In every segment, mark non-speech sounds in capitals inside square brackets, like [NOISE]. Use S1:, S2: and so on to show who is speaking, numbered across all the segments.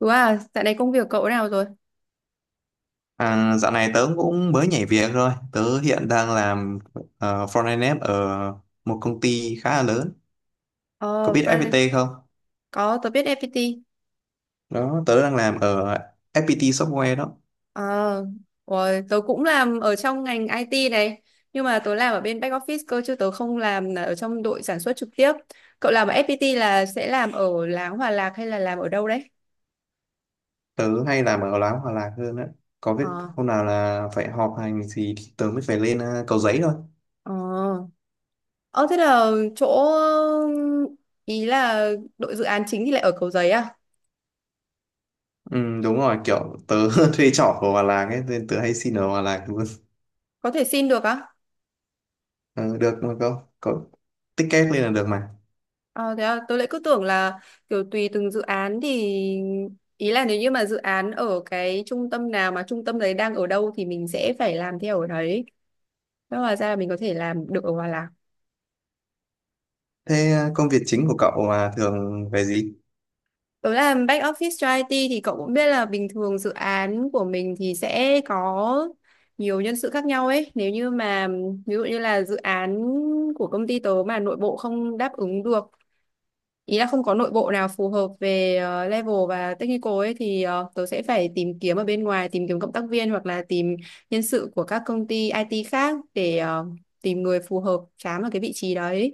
S1: Đúng à, dạo này công việc cậu nào rồi?
S2: À, dạo này tớ cũng mới nhảy việc rồi. Tớ hiện đang làm front-end dev ở một công ty khá là lớn. Có
S1: Ờ,
S2: biết
S1: Fran,
S2: FPT không?
S1: có, tớ biết FPT.
S2: Đó, tớ đang làm ở FPT Software đó.
S1: Ờ, rồi, tớ cũng làm ở trong ngành IT này. Nhưng mà tớ làm ở bên back office cơ, chứ tớ không làm là ở trong đội sản xuất trực tiếp. Cậu làm ở FPT là sẽ làm ở Láng Hòa Lạc hay là làm ở đâu đấy?
S2: Tớ hay làm ở Láo Hòa Lạc hơn đó. Có biết
S1: Ờ,
S2: hôm nào là phải họp hành gì thì tớ mới phải lên Cầu Giấy thôi.
S1: ờ. Ờ, thế là chỗ... Ý là đội dự án chính thì lại ở Cầu Giấy à?
S2: Ừ, đúng rồi, kiểu tớ [LAUGHS] thuê trọ ở Hòa Lạc ấy, nên tớ hay xin ở Hòa Lạc luôn.
S1: Có thể xin được á?
S2: Ờ, được mà cậu, có ticket lên là được mà.
S1: Ờ, thế à, tôi lại cứ tưởng là kiểu tùy từng dự án thì ý là nếu như mà dự án ở cái trung tâm nào mà trung tâm đấy đang ở đâu thì mình sẽ phải làm theo ở đấy. Thế hóa ra là mình có thể làm được ở Hòa Lạc.
S2: Thế công việc chính của cậu là thường về gì?
S1: Tôi làm back office cho IT thì cậu cũng biết là bình thường dự án của mình thì sẽ có nhiều nhân sự khác nhau ấy. Nếu như mà ví dụ như là dự án của công ty tớ mà nội bộ không đáp ứng được ý là không có nội bộ nào phù hợp về level và technical ấy thì tớ sẽ phải tìm kiếm ở bên ngoài, tìm kiếm cộng tác viên hoặc là tìm nhân sự của các công ty IT khác để tìm người phù hợp chám vào cái vị trí đấy.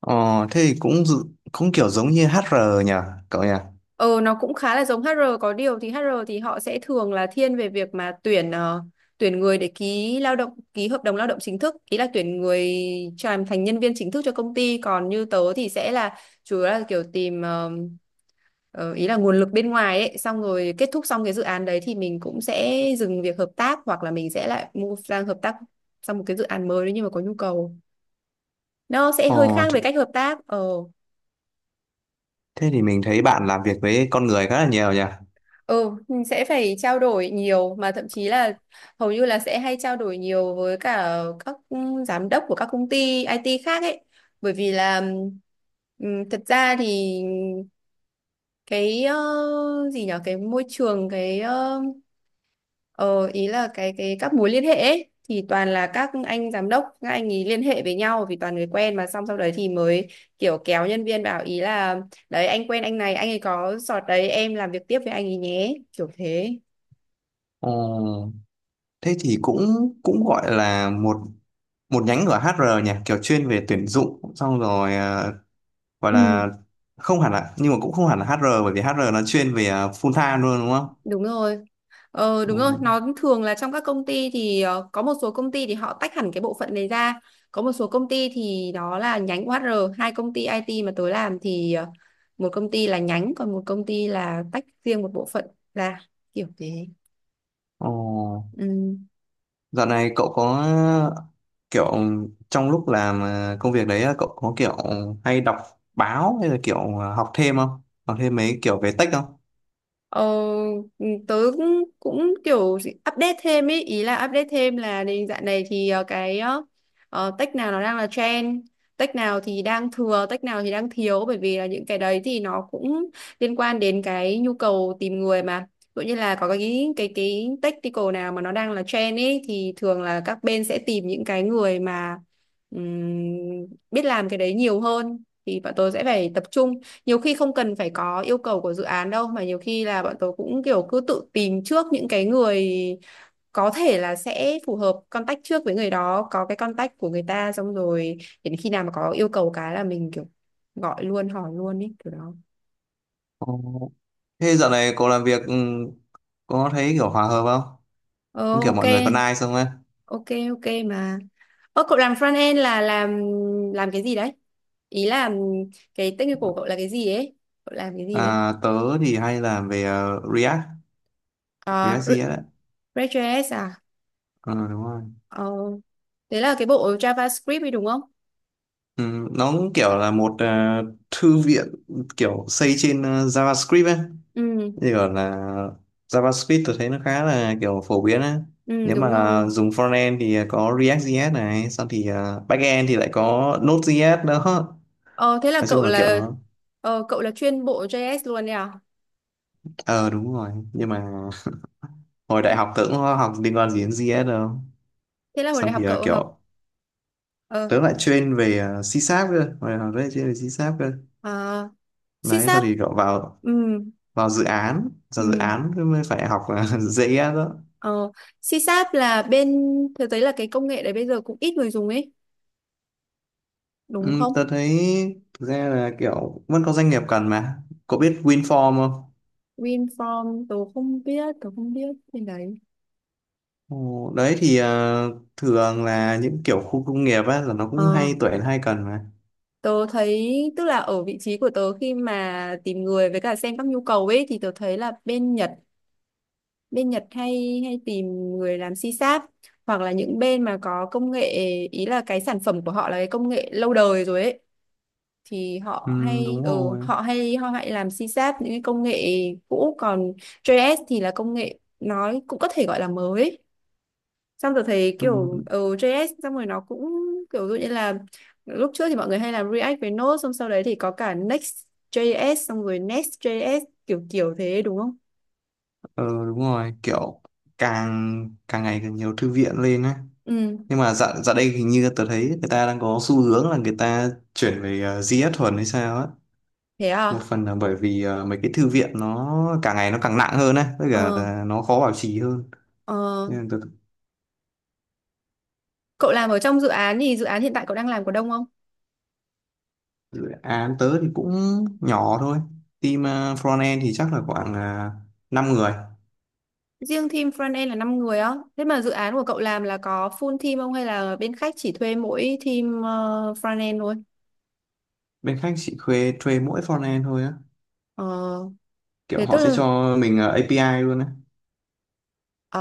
S2: Ờ, thế thì cũng kiểu giống như HR nhỉ, cậu nhỉ?
S1: Ờ nó cũng khá là giống HR, có điều thì HR thì họ sẽ thường là thiên về việc mà tuyển tuyển người để ký lao động, ký hợp đồng lao động chính thức, ý là tuyển người cho làm thành nhân viên chính thức cho công ty. Còn như tớ thì sẽ là chủ yếu là kiểu tìm ý là nguồn lực bên ngoài ấy, xong rồi kết thúc xong cái dự án đấy thì mình cũng sẽ dừng việc hợp tác hoặc là mình sẽ lại move sang hợp tác sang một cái dự án mới nếu như mà có nhu cầu. Nó sẽ
S2: Ờ,
S1: hơi khác về cách hợp tác. Ờ,
S2: thế thì mình thấy bạn làm việc với con người khá là nhiều nhỉ?
S1: ừ, mình sẽ phải trao đổi nhiều, mà thậm chí là hầu như là sẽ hay trao đổi nhiều với cả các giám đốc của các công ty IT khác ấy. Bởi vì là thật ra thì cái gì nhở, cái môi trường, cái Ờ, ý là cái các mối liên hệ ấy, thì toàn là các anh giám đốc, các anh ý liên hệ với nhau vì toàn người quen mà, xong sau đấy thì mới kiểu kéo nhân viên bảo ý là đấy anh quen anh này, anh ấy có sọt đấy, em làm việc tiếp với anh ấy nhé, kiểu thế.
S2: Ờ, thế thì cũng cũng gọi là một một nhánh của HR nhỉ, kiểu chuyên về tuyển dụng xong rồi à, gọi
S1: Ừ.
S2: là không hẳn là, nhưng mà cũng không hẳn là HR, bởi vì HR nó chuyên về à, full time luôn đúng không?
S1: Đúng rồi. Ờ đúng rồi, nó thường là trong các công ty thì có một số công ty thì họ tách hẳn cái bộ phận này ra, có một số công ty thì đó là nhánh HR. Hai công ty IT mà tôi làm thì một công ty là nhánh, còn một công ty là tách riêng một bộ phận ra, kiểu thế.
S2: Ờ, ờ.
S1: Ừ.
S2: Dạo này cậu có kiểu trong lúc làm công việc đấy cậu có kiểu hay đọc báo hay là kiểu học thêm không? Học thêm mấy kiểu về tech không?
S1: Ờ, tớ cũng, cũng update thêm ý, ý là update thêm là đến dạo này thì tech nào nó đang là trend, tech nào thì đang thừa, tech nào thì đang thiếu, bởi vì là những cái đấy thì nó cũng liên quan đến cái nhu cầu tìm người mà. Ví dụ như là có cái technical nào mà nó đang là trend ấy thì thường là các bên sẽ tìm những cái người mà biết làm cái đấy nhiều hơn, thì bọn tôi sẽ phải tập trung. Nhiều khi không cần phải có yêu cầu của dự án đâu, mà nhiều khi là bọn tớ cũng kiểu cứ tự tìm trước những cái người có thể là sẽ phù hợp, contact trước với người đó, có cái contact của người ta, xong rồi đến khi nào mà có yêu cầu cái là mình kiểu gọi luôn, hỏi luôn ý, kiểu đó.
S2: Ờ, thế dạo này cậu làm việc có thấy kiểu hòa hợp không?
S1: Ờ
S2: Không, kiểu
S1: ok.
S2: mọi người có nice không ấy?
S1: Ok. Ok mà. Ơ cậu làm front end là làm cái gì đấy, ý là cái technical của cậu là cái gì ấy, cậu làm cái gì đấy?
S2: À, tớ thì hay làm về
S1: Ờ,
S2: React
S1: Re-
S2: JS đấy.
S1: React.js à?
S2: Ờ đúng rồi.
S1: Ờ thế là cái bộ JavaScript ấy, đúng không?
S2: Ừ, nó cũng kiểu là một thư viện kiểu xây trên JavaScript ấy.
S1: Ừ,
S2: Như gọi là JavaScript tôi thấy nó khá là kiểu phổ biến á.
S1: ừ
S2: Nếu
S1: đúng
S2: mà
S1: rồi.
S2: dùng frontend thì có React.js này, xong thì à, backend thì lại có Node.js đó.
S1: Ờ thế là
S2: Nói
S1: cậu
S2: chung là kiểu
S1: là
S2: nó
S1: cậu là chuyên bộ JS luôn đấy à?
S2: ờ đúng rồi, nhưng mà hồi đại học tớ cũng có học liên quan gì đến JS đâu.
S1: Thế là hồi đại
S2: Xong
S1: học
S2: thì à,
S1: cậu học
S2: kiểu
S1: ờ
S2: tớ lại chuyên về C-Sharp cơ, hồi học tớ lại chuyên về C-Sharp cơ.
S1: à,
S2: Đấy, sau
S1: CSAT.
S2: thì kiểu vào
S1: Ừ
S2: vào dự án, vào dự
S1: ừ
S2: án mới phải học [LAUGHS] JS đó.
S1: ờ CSAT là bên thực tế là cái công nghệ đấy bây giờ cũng ít người dùng ấy, đúng
S2: Ừ,
S1: không?
S2: tớ thấy thực ra là kiểu vẫn có doanh nghiệp cần mà. Cậu biết WinForm không?
S1: WinForm tớ không biết bên đấy.
S2: Ồ, đấy thì thường là những kiểu khu công nghiệp á là nó cũng
S1: Ờ
S2: hay tuyển hay cần mà.
S1: Tớ thấy, tức là ở vị trí của tớ khi mà tìm người với cả xem các nhu cầu ấy, thì tớ thấy là bên Nhật, bên Nhật hay hay tìm người làm c sáp hoặc là những bên mà có công nghệ, ý là cái sản phẩm của họ là cái công nghệ lâu đời rồi ấy, thì họ
S2: Ừ,
S1: hay
S2: đúng
S1: ừ,
S2: rồi.
S1: họ hay họ hay làm c sáp, những cái công nghệ cũ. Còn JS thì là công nghệ nói cũng có thể gọi là mới. Xong rồi thấy
S2: Ừ,
S1: kiểu JS, xong rồi nó cũng kiểu dụ như là lúc trước thì mọi người hay làm React với Node, xong sau đấy thì có cả Next.js, xong rồi Next.js kiểu kiểu thế, đúng không?
S2: ờ, đúng rồi, kiểu càng càng ngày càng nhiều thư viện lên á.
S1: Ừ,
S2: Nhưng mà dạo dạo đây hình như tớ thấy người ta đang có xu hướng là người ta chuyển về GS thuần hay sao á.
S1: thế à?
S2: Một phần là bởi vì mấy cái thư viện nó càng ngày nó càng nặng hơn á, với cả
S1: Ờ,
S2: là nó khó bảo trì hơn.
S1: ờ.
S2: Nên là tớ
S1: Cậu làm ở trong dự án thì dự án hiện tại cậu đang làm có đông không?
S2: Dự án tớ thì cũng nhỏ thôi. Team front thì chắc là khoảng 5 người.
S1: Riêng team front end là 5 người á. Thế mà dự án của cậu làm là có full team không hay là bên khách chỉ thuê mỗi team front end thôi?
S2: Bên khách chỉ thuê thuê mỗi frontend thôi á,
S1: Ờ,
S2: kiểu
S1: thế tức
S2: họ sẽ
S1: là
S2: cho mình API luôn á.
S1: ờ,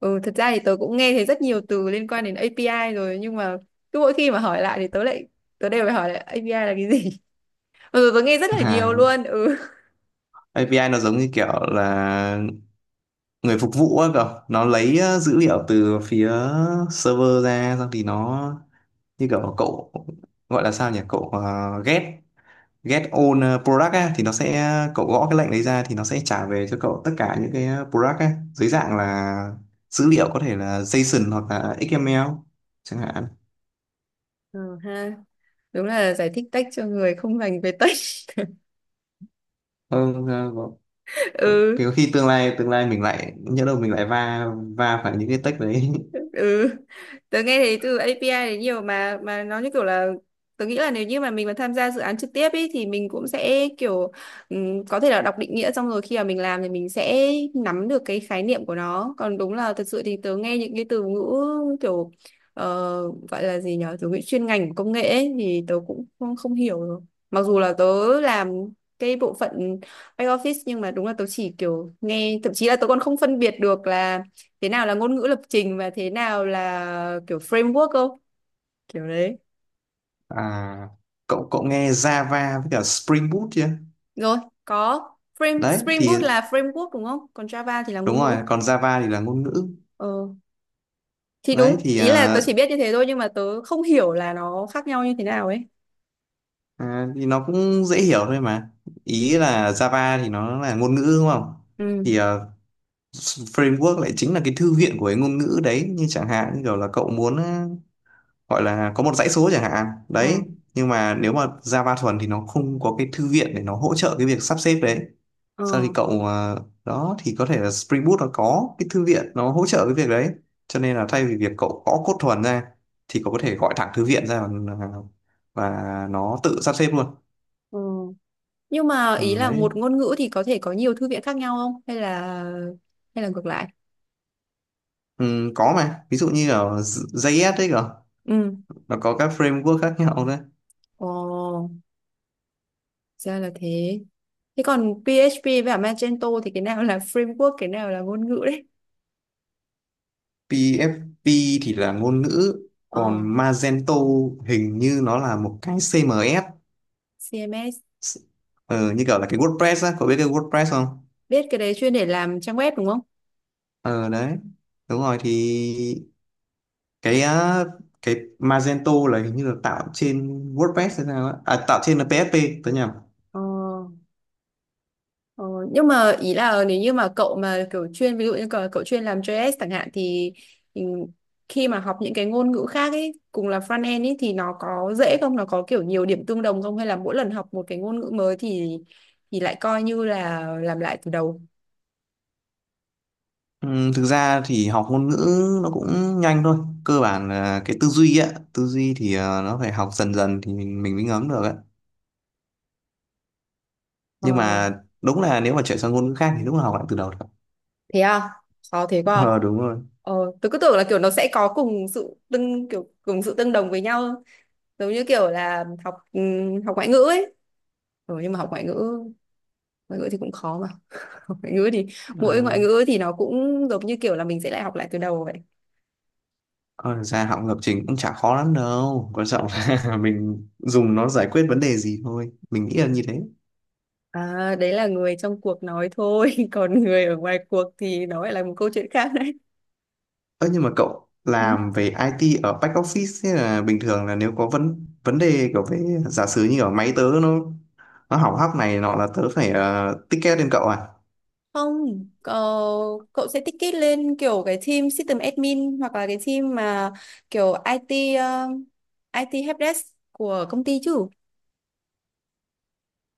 S1: ừ, thật ra thì tớ cũng nghe thấy rất nhiều từ liên quan đến API rồi, nhưng mà cứ mỗi khi mà hỏi lại thì tớ đều phải hỏi lại API là cái gì. [LAUGHS] Mặc dù tớ nghe rất
S2: [LAUGHS]
S1: là nhiều
S2: Hàng
S1: luôn. Ừ.
S2: API nó giống như kiểu là người phục vụ á cậu, nó lấy dữ liệu từ phía server ra, xong thì nó như kiểu cậu gọi là sao nhỉ, cậu ghép get all product á, thì nó sẽ cậu gõ cái lệnh đấy ra thì nó sẽ trả về cho cậu tất cả những cái product á, dưới dạng là dữ liệu có thể là JSON hoặc là XML chẳng hạn.
S1: Ừ ha. Đúng là giải thích tech cho người không dành về tech.
S2: Ừ, có,
S1: [LAUGHS]
S2: có
S1: Ừ.
S2: có khi tương lai mình lại nhớ đâu mình lại va va phải những cái tech đấy.
S1: [LAUGHS]
S2: [LAUGHS]
S1: ừ Tớ nghe thấy từ API đấy nhiều, mà nó như kiểu là tớ nghĩ là nếu như mà mình mà tham gia dự án trực tiếp ấy thì mình cũng sẽ kiểu có thể là đọc định nghĩa, xong rồi khi mà mình làm thì mình sẽ nắm được cái khái niệm của nó. Còn đúng là thật sự thì tớ nghe những cái từ ngữ kiểu ờ, gọi là gì nhở, từ ngữ chuyên ngành của công nghệ ấy, thì tớ cũng không hiểu rồi. Mặc dù là tớ làm cái bộ phận back office, nhưng mà đúng là tớ chỉ kiểu nghe, thậm chí là tớ còn không phân biệt được là thế nào là ngôn ngữ lập trình và thế nào là kiểu framework không, kiểu đấy.
S2: À, cậu cậu nghe Java với cả Spring Boot chưa?
S1: Rồi, có
S2: Đấy
S1: Spring Boot
S2: thì
S1: là framework đúng không, còn Java thì là
S2: đúng
S1: ngôn ngữ.
S2: rồi, còn Java thì là ngôn ngữ.
S1: ờ thì
S2: Đấy
S1: đúng
S2: thì
S1: ý là
S2: à,
S1: tớ chỉ biết như thế thôi, nhưng mà tớ không hiểu là nó khác nhau như thế nào ấy.
S2: À, thì nó cũng dễ hiểu thôi mà. Ý là Java thì nó là ngôn ngữ đúng không?
S1: ừ
S2: Thì framework lại chính là cái thư viện của cái ngôn ngữ đấy. Như chẳng hạn như kiểu là cậu muốn gọi là có một dãy số chẳng hạn. Đấy.
S1: ờ
S2: Nhưng mà nếu mà Java thuần thì nó không có cái thư viện để nó hỗ trợ cái việc sắp xếp đấy.
S1: ờ
S2: Sau thì cậu đó thì có thể là Spring Boot nó có cái thư viện nó hỗ trợ cái việc đấy. Cho nên là thay vì việc cậu gõ code thuần ra thì cậu có thể gọi thẳng thư viện ra, và, và nó tự sắp xếp luôn.
S1: ờ nhưng mà ý
S2: Ừ,
S1: là
S2: đấy.
S1: một ngôn ngữ thì có thể có nhiều thư viện khác nhau không, hay là hay là ngược lại?
S2: Ừ, có mà ví dụ như ở JS đấy cơ,
S1: Ừ
S2: nó có các framework khác nhau đấy.
S1: ồ Ra là thế. Thế còn PHP và Magento thì cái nào là framework, cái nào là ngôn ngữ đấy?
S2: PFP thì là ngôn ngữ, còn
S1: ờ
S2: Magento hình như nó là một cái CMS.
S1: CMS?
S2: Ờ, như kiểu là cái WordPress á, cậu biết cái WordPress không?
S1: Biết, cái đấy chuyên để làm trang web đúng không?
S2: Ờ đấy, đúng rồi thì cái á, cái Magento là hình như là tạo trên WordPress hay sao á. À, tạo trên là PHP, tớ nhầm.
S1: Ờ, ờ, nhưng mà ý là nếu như mà cậu mà kiểu chuyên, ví dụ như cậu chuyên làm JS chẳng hạn, thì thì khi mà học những cái ngôn ngữ khác ấy cùng là front end ấy, thì nó có dễ không? Nó có kiểu nhiều điểm tương đồng không? Hay là mỗi lần học một cái ngôn ngữ mới thì lại coi như là làm lại từ đầu?
S2: Ừ, thực ra thì học ngôn ngữ nó cũng nhanh thôi. Cơ bản là cái tư duy á. Tư duy thì nó phải học dần dần thì mình mới ngấm được á. Nhưng
S1: Ờ,
S2: mà đúng là nếu mà chuyển sang ngôn ngữ khác thì đúng là học lại từ đầu thật.
S1: thế à? Khó thế
S2: [LAUGHS]
S1: quá. À?
S2: Ờ đúng rồi.
S1: Ờ, tôi cứ tưởng là kiểu nó sẽ có cùng sự tương đồng với nhau, giống như kiểu là học học ngoại ngữ ấy, rồi nhưng mà học ngoại ngữ, ngoại ngữ thì cũng khó mà. [LAUGHS] Học ngoại ngữ thì mỗi
S2: Ờ,
S1: ngoại ngữ thì nó cũng giống như kiểu là mình sẽ lại học lại từ đầu vậy.
S2: còn thực ra học lập trình cũng chả khó lắm đâu, quan trọng là [LAUGHS] mình dùng nó giải quyết vấn đề gì thôi, mình nghĩ là như thế.
S1: À, đấy là người trong cuộc nói thôi. [LAUGHS] Còn người ở ngoài cuộc thì nó lại là một câu chuyện khác đấy.
S2: Ơ nhưng mà cậu
S1: Ừ.
S2: làm về IT ở back office, thế là bình thường là nếu có vấn vấn đề kiểu về, giả sử như ở máy tớ nó hỏng hóc này nọ là tớ phải ticket lên cậu à?
S1: Không cậu, cậu sẽ tích kết lên kiểu cái team system admin, hoặc là cái team mà kiểu IT helpdesk của công ty chứ.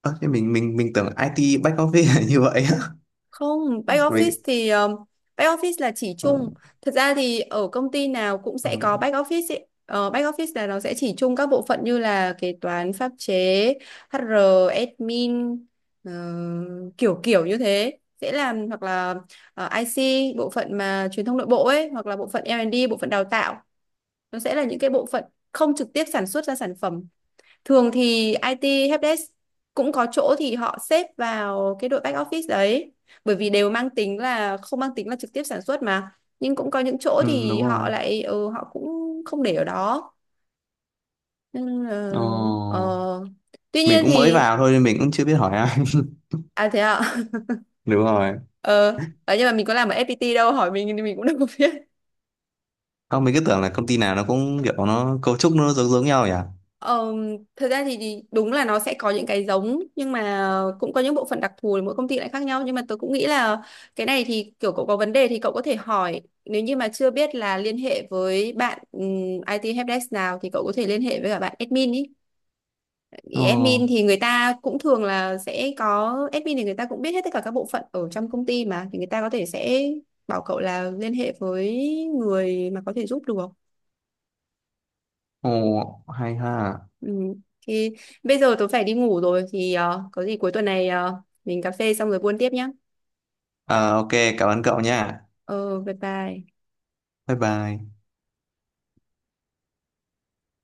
S2: Ơ thế mình tưởng IT back office là như vậy á.
S1: Không, back
S2: [LAUGHS]
S1: office
S2: Mình
S1: thì back office là chỉ
S2: ừ,
S1: chung. Thật ra thì ở công ty nào cũng sẽ có
S2: ừ,
S1: back office ấy. Ờ, back office là nó sẽ chỉ chung các bộ phận như là kế toán, pháp chế, HR, admin, ờ, kiểu kiểu như thế. Sẽ làm hoặc là IC, bộ phận mà truyền thông nội bộ ấy, hoặc là bộ phận L&D, bộ phận đào tạo. Nó sẽ là những cái bộ phận không trực tiếp sản xuất ra sản phẩm. Thường thì IT helpdesk cũng có chỗ thì họ xếp vào cái đội back office đấy. Bởi vì đều mang tính là không mang tính là trực tiếp sản xuất mà. Nhưng cũng có những chỗ
S2: ừ, đúng
S1: thì
S2: rồi.
S1: họ lại họ cũng không để ở đó. Nên là,
S2: Ờ,
S1: ờ. Tuy
S2: mình
S1: nhiên
S2: cũng mới
S1: thì
S2: vào thôi nên mình cũng chưa biết hỏi ai.
S1: à thế ạ. [LAUGHS]
S2: [LAUGHS] Đúng rồi.
S1: Ờ, đấy, nhưng mà mình có làm ở FPT đâu, hỏi mình thì mình cũng đâu có biết.
S2: Không, mình cứ tưởng là công ty nào nó cũng kiểu nó cấu trúc nó giống giống nhau nhỉ?
S1: Ờ, thật ra thì đúng là nó sẽ có những cái giống, nhưng mà cũng có những bộ phận đặc thù thì mỗi công ty lại khác nhau. Nhưng mà tôi cũng nghĩ là cái này thì kiểu cậu có vấn đề thì cậu có thể hỏi, nếu như mà chưa biết là liên hệ với bạn IT helpdesk nào, thì cậu có thể liên hệ với cả bạn admin ý.
S2: Ồ,
S1: Admin thì người ta cũng thường là sẽ có, admin thì người ta cũng biết hết tất cả các bộ phận ở trong công ty mà, thì người ta có thể sẽ bảo cậu là liên hệ với người mà có thể giúp được.
S2: ồ, hay ha.
S1: Ừ. Thì bây giờ tôi phải đi ngủ rồi thì có gì cuối tuần này mình cà phê xong rồi buôn tiếp nhá.
S2: Ờ ok, cảm ơn cậu nha.
S1: Ờ bye bye.
S2: Bye bye.